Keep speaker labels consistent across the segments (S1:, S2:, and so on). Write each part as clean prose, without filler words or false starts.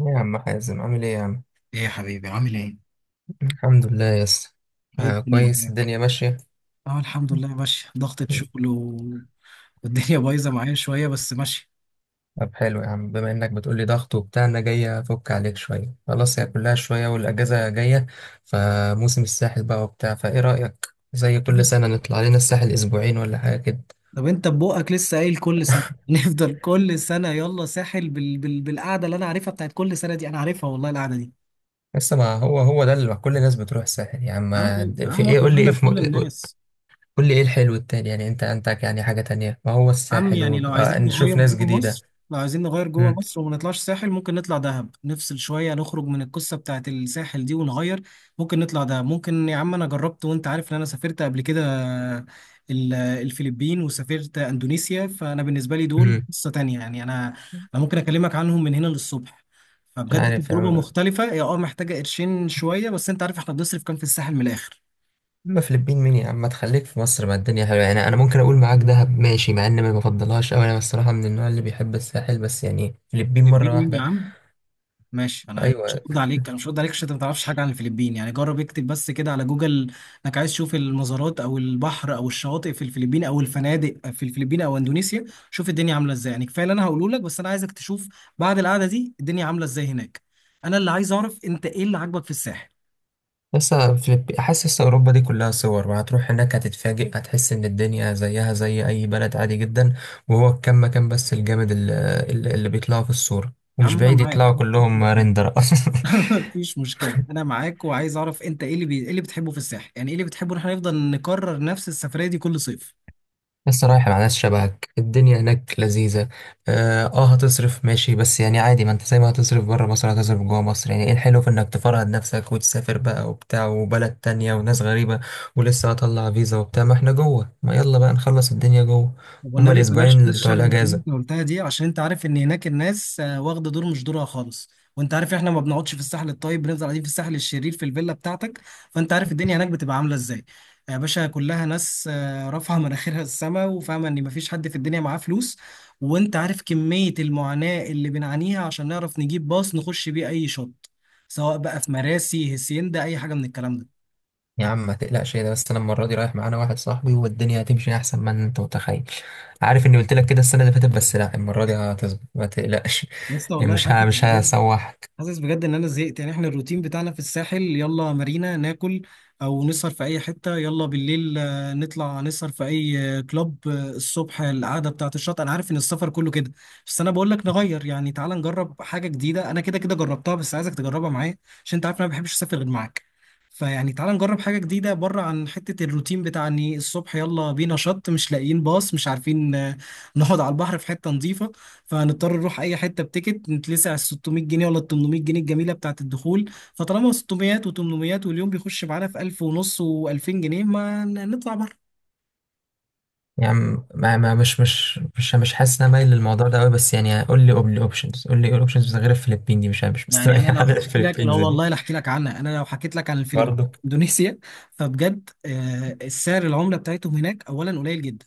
S1: إيه يا عم حازم، عامل ايه يا عم؟
S2: ايه يا حبيبي، عامل ايه؟
S1: الحمد لله يا اسطى.
S2: ايه
S1: آه،
S2: الدنيا
S1: كويس،
S2: معاك؟
S1: الدنيا ماشية.
S2: اه الحمد لله ماشي، ضغطة شغل والدنيا بايظة معايا شوية بس ماشي.
S1: طب حلو يا عم، بما انك بتقولي ضغط وبتاع انا جاي افك عليك شوية، خلاص هي كلها شوية والاجازة جاية. فموسم الساحل بقى وبتاع، فايه رأيك زي كل سنة نطلع لنا الساحل اسبوعين ولا حاجة كده؟
S2: طب انت ببقك لسه قايل كل سنة نفضل كل سنة يلا ساحل بالقعدة اللي انا عارفها، بتاعت كل سنة دي انا عارفها والله القعدة دي.
S1: لسه، ما هو ده اللي كل الناس بتروح الساحل يا عم.
S2: يا عم، يا
S1: في
S2: عم
S1: ايه؟
S2: احنا مالنا بكل الناس؟
S1: قول لي ايه الحلو التاني، يعني انت عندك يعني حاجة تانية؟ ما هو
S2: عم
S1: الساحل
S2: يعني
S1: و...
S2: لو عايزين نغير
S1: نشوف ناس
S2: جوه
S1: جديدة.
S2: مصر،
S1: امم.
S2: وما نطلعش ساحل، ممكن نطلع دهب، نفصل شوية، نخرج من القصة بتاعت الساحل دي ونغير. ممكن نطلع دهب، ممكن يا عم. أنا جربت وأنت عارف إن أنا سافرت قبل كده الفلبين وسافرت أندونيسيا، فأنا بالنسبة لي دول قصة تانية. يعني أنا ممكن أكلمك عنهم من هنا للصبح.
S1: مش
S2: فبجد
S1: عارف يا
S2: تجربة
S1: عم.
S2: مختلفة، هي أه محتاجة قرشين شوية، بس أنت عارف إحنا بنصرف كام في الساحل من الآخر.
S1: اما فلبين مين يا عم، ما تخليك في مصر، ما الدنيا حلوه يعني، انا ممكن اقول معاك دهب ماشي مع ان ما بفضلهاش قوي، انا الصراحه من النوع اللي بيحب الساحل، بس يعني فلبين
S2: فلبين
S1: مره
S2: مين يا
S1: واحده.
S2: عم؟ ماشي،
S1: ايوه.
S2: انا مش هرد عليك عشان انت ما تعرفش حاجه عن الفلبين. يعني جرب اكتب بس كده على جوجل انك عايز تشوف المزارات او البحر او الشواطئ في الفلبين، او الفنادق في الفلبين او اندونيسيا. شوف الدنيا عامله ازاي، يعني كفايه اللي انا هقوله لك، بس انا عايزك تشوف بعد القعده دي الدنيا عامله ازاي هناك. انا اللي عايز اعرف انت ايه اللي عاجبك في الساحل.
S1: لسه فلبين، حاسس لسه اوروبا دي كلها صور، وهتروح هناك هتتفاجئ، هتحس ان الدنيا زيها زي اي بلد عادي جدا. وهو الكم مكان بس الجامد اللي، اللي بيطلعوا في الصوره
S2: يا
S1: ومش
S2: عم انا
S1: بعيد يطلعوا
S2: معاك.
S1: كلهم ريندر اصلا.
S2: مفيش مشكلة، أنا معاك وعايز أعرف أنت إيه اللي بتحبه في الساحل. يعني إيه اللي بتحبه إن إحنا نفضل نكرر نفس السفرية دي كل صيف؟
S1: لسه رايح مع ناس شبهك الدنيا هناك لذيذة. اه، هتصرف ماشي بس يعني عادي، ما انت زي ما هتصرف بره مصر هتصرف جوه مصر، يعني ايه الحلو في انك تفرهد نفسك وتسافر بقى وبتاع وبلد تانية وناس غريبة؟ ولسه هطلع فيزا وبتاع ما احنا جوه، ما يلا بقى نخلص الدنيا جوه.
S2: طب
S1: هما
S2: والنبي بلاش
S1: الاسبوعين اللي
S2: ناس
S1: بتوع
S2: شبه اللي انت
S1: الاجازة.
S2: قلتها دي، عشان انت عارف ان هناك الناس واخده دور مش دورها خالص. وانت عارف احنا ما بنقعدش في الساحل الطيب، بنفضل قاعدين في الساحل الشرير في الفيلا بتاعتك، فانت عارف الدنيا هناك بتبقى عامله ازاي. يا باشا، كلها ناس رافعه مناخيرها السما وفاهمه ان مفيش حد في الدنيا معاه فلوس. وانت عارف كميه المعاناه اللي بنعانيها عشان نعرف نجيب باص نخش بيه اي شط، سواء بقى في مراسي، هسيندا، اي حاجه من الكلام ده.
S1: يا عم ما تقلقش، إيه ده بس، انا المرة دي رايح معانا واحد صاحبي والدنيا هتمشي احسن ما انت متخيل. عارف اني قلت لك كده السنة اللي فاتت، بس لا المرة دي هتظبط ما تقلقش.
S2: لسه
S1: يعني
S2: والله
S1: مش هسوحك.
S2: حاسس بجد ان انا زهقت. يعني احنا الروتين بتاعنا في الساحل يلا مارينا ناكل، او نسهر في اي حته، يلا بالليل نطلع نسهر في اي كلوب، الصبح القعده بتاعه الشط. انا عارف ان السفر كله كده، بس انا بقول لك نغير، يعني تعال نجرب حاجه جديده، انا كده كده جربتها بس عايزك تجربها معايا عشان انت عارف إن انا ما بحبش اسافر غير معاك. فيعني تعال نجرب حاجه جديده، بره عن حته الروتين بتاع اني الصبح يلا بينا شط، مش لاقيين باص، مش عارفين نقعد على البحر في حته نظيفه. فهنضطر نروح اي حته بتيكت نتلسع على ال 600 جنيه ولا ال 800 جنيه الجميله بتاعه الدخول. فطالما 600 و800 واليوم بيخش معانا في 1000 ونص و2000 جنيه، ما ن- نطلع بره.
S1: يعني ما ما مش مش مش مش حاسس ان انا مايل للموضوع ده قوي، بس يعني قول لي اوبشنز، قول لي ايه الاوبشنز غير الفلبين دي، مش
S2: يعني انا لو
S1: مستريح على
S2: احكي لك، لا
S1: الفلبينز
S2: والله
S1: دي.
S2: لا احكي لك عنها. انا لو حكيت لك عن الفلبين،
S1: برضه.
S2: اندونيسيا، فبجد السعر العمله بتاعتهم هناك اولا قليل جدا.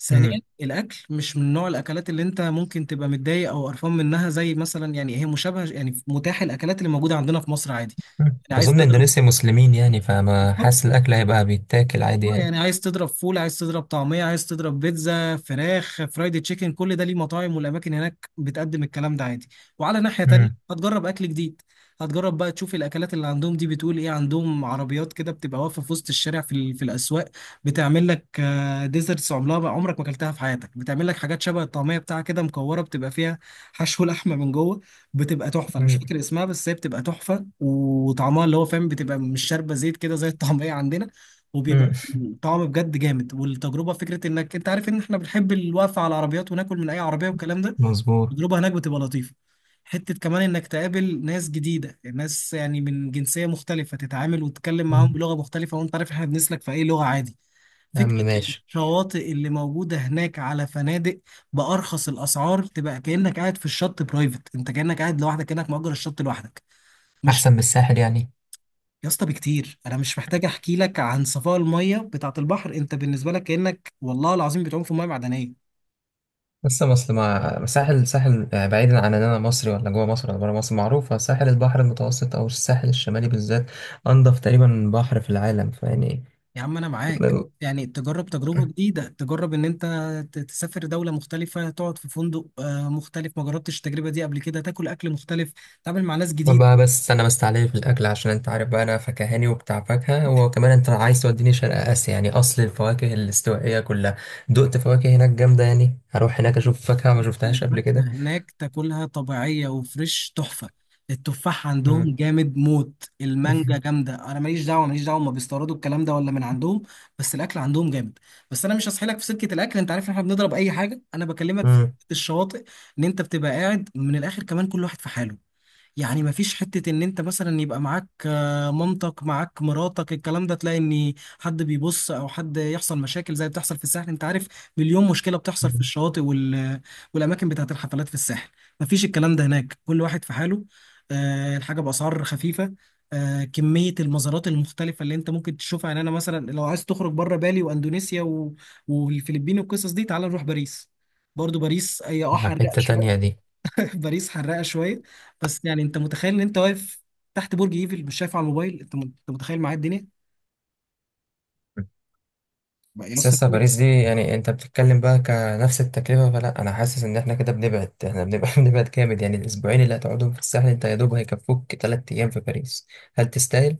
S2: ثانيا
S1: امم.
S2: الاكل مش من نوع الاكلات اللي انت ممكن تبقى متضايق او قرفان منها، زي مثلا يعني هي مشابهه، يعني متاح الاكلات اللي موجوده عندنا في مصر عادي. يعني عايز
S1: اظن
S2: تضرب
S1: اندونيسيا مسلمين يعني، فما حاسس الاكل هيبقى بيتاكل عادي يعني.
S2: يعني عايز تضرب فول، عايز تضرب طعمية، عايز تضرب بيتزا، فراخ فرايد تشيكن، كل ده ليه مطاعم. والأماكن هناك بتقدم الكلام ده عادي، وعلى ناحية تانية
S1: امم.
S2: هتجرب أكل جديد. هتجرب بقى تشوف الأكلات اللي عندهم دي بتقول إيه. عندهم عربيات كده بتبقى واقفة في وسط الشارع في الأسواق، بتعمل لك ديزرتس عمرها بقى، عمرك ما أكلتها في حياتك. بتعمل لك حاجات شبه الطعمية بتاعها كده، مكورة، بتبقى فيها حشو لحمة من جوه. بتبقى تحفة، أنا مش
S1: مم.
S2: فاكر اسمها، بس هي بتبقى تحفة وطعمها اللي هو فاهم. بتبقى مش شاربة زيت كده زي الطعمية عندنا،
S1: مم.
S2: وبيبقى طعم بجد جامد. والتجربه فكره انك انت عارف ان احنا بنحب الوقفه على العربيات وناكل من اي عربيه والكلام ده.
S1: مظبوط.
S2: التجربه هناك بتبقى لطيفه. حته كمان انك تقابل ناس جديده، ناس يعني من جنسيه مختلفه، تتعامل وتتكلم معاهم
S1: مم.
S2: بلغه مختلفه وانت عارف احنا بنسلك في اي لغه عادي.
S1: يا عم
S2: فكره
S1: ماشي.
S2: الشواطئ اللي موجوده هناك على فنادق، بارخص الاسعار تبقى كانك قاعد في الشط برايفت، انت كانك قاعد لوحدك، كانك مأجر الشط لوحدك. مش
S1: احسن من الساحل يعني؟
S2: يا اسطى، بكتير. انا مش محتاج احكي لك عن صفاء الميه بتاعه البحر، انت بالنسبه لك كانك والله العظيم بتعوم في ميه معدنيه.
S1: لسه مصر مع ساحل ساحل، بعيدا عن ان انا مصري ولا جوه مصر ولا بره مصر، معروفه ساحل البحر المتوسط او الساحل الشمالي بالذات انضف تقريبا بحر في العالم، فيعني.
S2: يا عم انا معاك،
S1: بقى.
S2: يعني تجرب تجربه جديده، تجرب ان انت تسافر دوله مختلفه، تقعد في فندق مختلف، ما جربتش التجربه دي قبل كده، تاكل اكل مختلف، تتعامل مع ناس جديده.
S1: بس انا مستعلي في الاكل عشان انت عارف بقى انا فكهاني وبتاع فاكهه، وكمان انت عايز توديني شرق اسيا، يعني اصل الفواكه الاستوائيه كلها دقت فواكه، هناك جامده يعني، هروح هناك اشوف فاكهه ما شفتهاش قبل
S2: الفاكهة
S1: كده.
S2: هناك تاكلها طبيعية وفريش، تحفة. التفاح
S1: مم.
S2: عندهم جامد موت، المانجا جامدة، أنا ماليش دعوة ماليش دعوة هما بيستوردوا الكلام ده ولا من عندهم، بس الأكل عندهم جامد. بس أنا مش هسحلك في سكة الأكل، أنت عارف إن إحنا بنضرب أي حاجة. أنا بكلمك في
S1: مم.
S2: سكة الشواطئ، إن أنت بتبقى قاعد من الآخر، كمان كل واحد في حاله. يعني مفيش حتة ان انت مثلا يبقى معاك مامتك، معاك مراتك، الكلام ده، تلاقي ان حد بيبص او حد يحصل مشاكل زي بتحصل في الساحل. انت عارف مليون مشكلة بتحصل في الشواطئ والاماكن بتاعت الحفلات في الساحل. مفيش الكلام ده هناك، كل واحد في حاله. الحاجة بأسعار خفيفة، كمية المزارات المختلفة اللي انت ممكن تشوفها. يعني انا مثلا لو عايز تخرج بره، بالي واندونيسيا والفلبين والقصص دي، تعال نروح باريس. برضو باريس هي حرقت
S1: حته تانية
S2: شوية،
S1: دي؟
S2: باريس حراقه شويه. بس يعني انت متخيل ان انت واقف تحت برج ايفل، مش شايف على الموبايل، انت انت متخيل معايا الدنيا بقى يا
S1: بس
S2: اسطى،
S1: لسه
S2: كلمة.
S1: باريس دي يعني انت بتتكلم بقى كنفس التكلفة، فلا، انا حاسس ان احنا كده بنبعد، احنا بنبعد بنبعد جامد، يعني الاسبوعين اللي هتقعدهم في الساحل انت يا دوب هيكفوك تلات ايام في باريس. هل تستاهل؟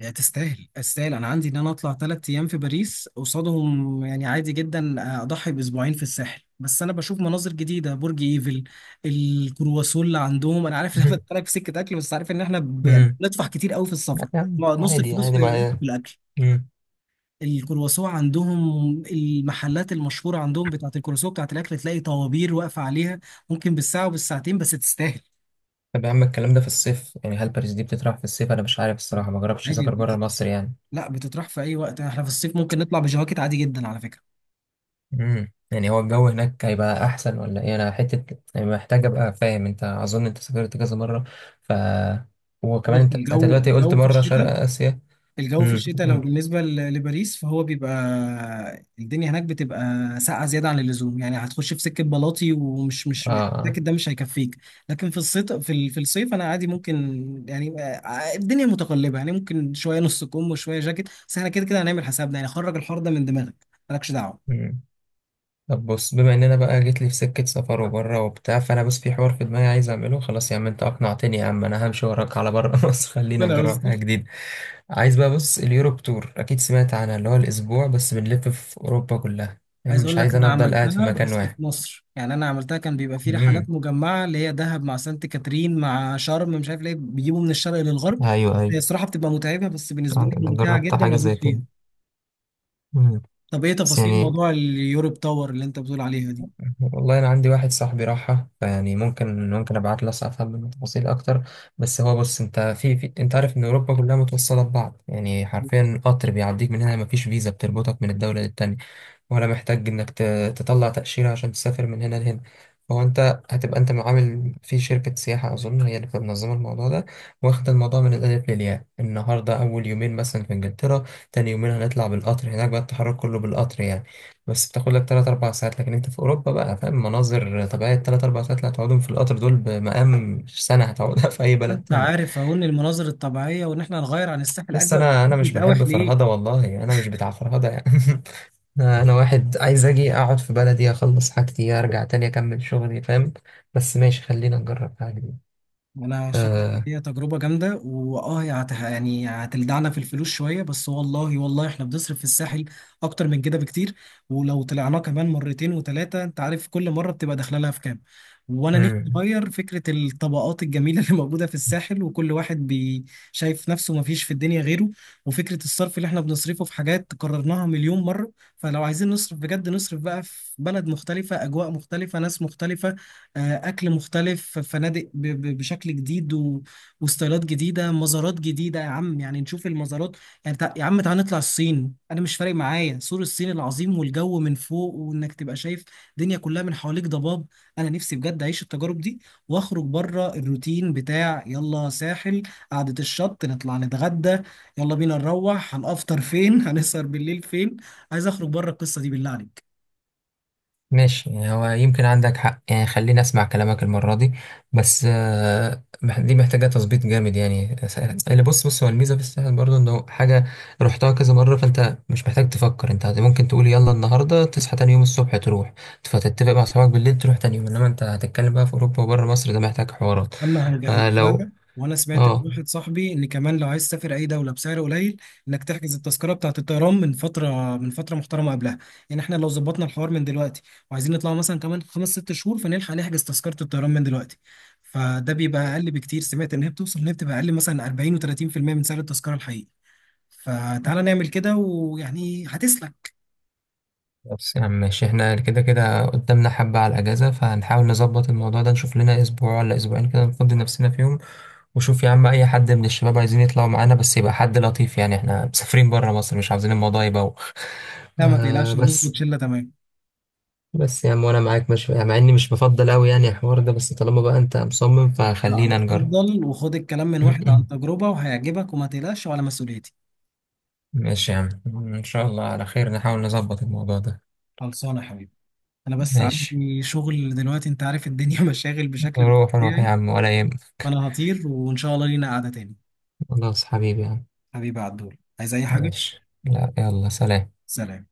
S2: هي تستاهل، تستاهل. انا عندي ان انا اطلع 3 ايام في باريس قصادهم يعني عادي جدا، اضحي باسبوعين في الساحل، بس انا بشوف مناظر جديده، برج ايفل، الكرواسون اللي عندهم. انا عارف ان انا
S1: مهم.
S2: بدخلك في سكه اكل بس عارف ان احنا يعني
S1: مم.
S2: بندفع كتير قوي في السفر،
S1: يعني
S2: نص
S1: عادي،
S2: الفلوس
S1: عادي
S2: في
S1: معايا.
S2: الاكل.
S1: مم.
S2: الكرواسون عندهم، المحلات المشهورة عندهم بتاعة الكرواسون بتاعة الأكل، تلاقي طوابير واقفة عليها، ممكن بالساعة وبالساعتين، بس تستاهل.
S1: طب يا عم الكلام ده في الصيف يعني، هل باريس دي بتطرح في الصيف؟ انا مش عارف الصراحه، ما جربتش
S2: عادي
S1: اسافر بره مصر يعني.
S2: لا، بتطرح في أي وقت، احنا في الصيف ممكن نطلع بجواكت عادي جدا على فكرة.
S1: امم، يعني هو الجو هناك هيبقى احسن ولا ايه؟ انا حته يعني محتاج ابقى فاهم، انت اظن انت سافرت كذا مره، ف وكمان
S2: بص،
S1: انت دلوقتي قلت مره شرق اسيا.
S2: الجو في
S1: امم.
S2: الشتاء لو بالنسبة لباريس فهو بيبقى، الدنيا هناك بتبقى ساقعة زيادة عن اللزوم، يعني هتخش في سكة بلاطي، ومش مش
S1: اه.
S2: الجاكيت ده مش هيكفيك. لكن في الصيف في الصيف أنا عادي ممكن. يعني الدنيا متقلبة، يعني ممكن شوية نص كم وشوية جاكيت، بس احنا كده كده هنعمل حسابنا، يعني خرج الحر ده من دماغك مالكش دعوة.
S1: امم. طب بص، بما ان انا بقى جيت لي في سكه سفر وبره وبتاع، فانا بس في حوار في دماغي عايز اعمله. خلاص يا عم انت اقنعتني، يا عم انا همشي وراك على بره مصر، خلينا
S2: ربنا
S1: نجرب
S2: يستر.
S1: حاجه جديده. عايز بقى، بص، اليوروب تور اكيد سمعت عنها، اللي هو الاسبوع بس بنلف في اوروبا كلها، يعني
S2: عايز
S1: مش
S2: اقول لك
S1: عايز انا
S2: انا
S1: افضل قاعد في
S2: عملتها
S1: مكان
S2: بس
S1: واحد.
S2: في مصر، يعني انا عملتها كان بيبقى في رحلات
S1: امم.
S2: مجمعه اللي هي دهب مع سانت كاترين مع شرم، مش عارف ليه بيجيبوا من الشرق للغرب.
S1: ايوه، ايوه.
S2: هي الصراحه بتبقى متعبه، بس بالنسبه
S1: آه،
S2: لي
S1: انا
S2: ممتعه
S1: جربت
S2: جدا
S1: حاجه زي
S2: وادوس
S1: كده.
S2: فيها.
S1: مم.
S2: طب ايه
S1: بس
S2: تفاصيل
S1: يعني
S2: موضوع اليوروب تاور اللي انت بتقول عليها دي؟
S1: والله انا عندي واحد صاحبي راحها، فيعني ممكن ابعت له افهم منه تفاصيل اكتر. بس هو، بص، انت في انت عارف ان اوروبا كلها متوصله ببعض، يعني حرفيا قطر بيعديك من هنا، مفيش فيزا بتربطك من الدوله للتانية، ولا محتاج تطلع تأشيرة عشان تسافر من هنا لهنا. فهو انت هتبقى انت عامل في شركة سياحة، اظن هي اللي بتبقى منظمة الموضوع ده، واخد الموضوع من الالف للياء، النهاردة اول يومين مثلا في انجلترا، تاني يومين هنطلع بالقطر، هناك بقى التحرك كله بالقطر يعني، بس بتاخد لك 3 4 ساعات، لكن انت في اوروبا بقى فاهم، مناظر طبيعية، 3 4 ساعات اللي هتقعدهم في القطر دول بمقام سنة هتقعدها في اي بلد
S2: انت
S1: تاني.
S2: عارف اهو ان المناظر الطبيعيه وان احنا نغير عن الساحل
S1: بس
S2: اجمل بكتير،
S1: انا مش بحب
S2: بتقاوح
S1: فرهده،
S2: ليه؟
S1: والله انا مش بتاع فرهده يعني. انا واحد عايز اجي اقعد في بلدي اخلص حاجتي ارجع تاني اكمل شغلي، فاهم؟ بس ماشي، خلينا نجرب حاجه جديده.
S2: انا شايف ان
S1: آه.
S2: هي تجربه جامده، هي يعني هتلدعنا في الفلوس شويه، بس والله والله احنا بنصرف في الساحل اكتر من كده بكتير. ولو طلعناه كمان مرتين وثلاثه، انت عارف كل مره بتبقى داخله لها في كام. وانا نفسي
S1: مم.
S2: اغير فكره الطبقات الجميله اللي موجوده في الساحل، وكل واحد شايف نفسه ما فيش في الدنيا غيره، وفكره الصرف اللي احنا بنصرفه في حاجات قررناها مليون مره. فلو عايزين نصرف بجد، نصرف بقى في بلد مختلفه، اجواء مختلفه، ناس مختلفه، اكل مختلف، فنادق بشكل جديد وستايلات جديده، مزارات جديده. يا عم يعني نشوف المزارات، يعني يا عم تعالى نطلع الصين. انا مش فارق معايا سور الصين العظيم والجو من فوق، وانك تبقى شايف الدنيا كلها من حواليك ضباب. انا نفسي بجد اعيش التجارب دي، واخرج بره الروتين بتاع يلا ساحل، قعده الشط، نطلع نتغدى، يلا بينا نروح، هنفطر فين، هنسهر بالليل فين. عايز اخرج بره القصه دي بالله عليك.
S1: ماشي، يعني هو يمكن عندك حق يعني، خليني اسمع كلامك المرة دي. بس دي محتاجة تظبيط جامد، اللي، بص، بص، هو الميزة في الساحل برضه انه حاجة رحتها كذا مرة، فانت مش محتاج تفكر، انت ممكن تقول يلا النهاردة تصحى تاني يوم الصبح تروح، فتتفق مع اصحابك بالليل تروح تاني يوم، انما انت هتتكلم بقى في اوروبا وبره مصر، ده محتاج حوارات.
S2: اما هنجهز
S1: فلو
S2: لها. وانا سمعت من
S1: اه
S2: واحد صاحبي ان كمان لو عايز تسافر اي دوله بسعر قليل، انك تحجز التذكره بتاعه الطيران من فتره، من فتره محترمه قبلها. يعني احنا لو ظبطنا الحوار من دلوقتي وعايزين نطلع مثلا كمان خمس ست شهور، فنلحق نحجز تذكره الطيران من دلوقتي، فده بيبقى اقل بكتير. سمعت ان هي بتوصل ان هي بتبقى اقل مثلا 40 و30% من سعر التذكره الحقيقي. فتعالى نعمل كده ويعني هتسلك.
S1: بس يا عم ماشي، احنا كده كده قدامنا حبة على الأجازة، فهنحاول نظبط الموضوع ده، نشوف لنا أسبوع ولا أسبوعين كده نفضي نفسنا فيهم. وشوف يا عم أي حد من الشباب عايزين يطلعوا معانا، بس يبقى حد لطيف، يعني احنا مسافرين برا مصر مش عاوزين الموضوع يبوخ.
S2: لا ما
S1: آه،
S2: تقلقش، هنظبط
S1: بس،
S2: شله تمام.
S1: بس يا عم وأنا معاك، مش يعني، مع إني مش بفضل أوي يعني الحوار ده، بس طالما بقى أنت مصمم
S2: لا
S1: فخلينا نجرب.
S2: اتفضل وخد الكلام من واحد عن تجربه، وهيعجبك وما تقلقش وعلى مسؤوليتي.
S1: ماشي يا عم، إن شاء الله على خير، نحاول نظبط الموضوع ده.
S2: خلصانه يا حبيبي، انا بس
S1: ماشي،
S2: عندي شغل دلوقتي، انت عارف الدنيا مشاغل بشكل مش
S1: روح روح يا
S2: طبيعي.
S1: عم ولا يهمك.
S2: فانا هطير، وان شاء الله لينا قعدة تاني.
S1: خلاص حبيبي يا عم.
S2: حبيبي عبدول، عايز اي حاجة؟
S1: ماشي، لا، يلا سلام.
S2: سلام.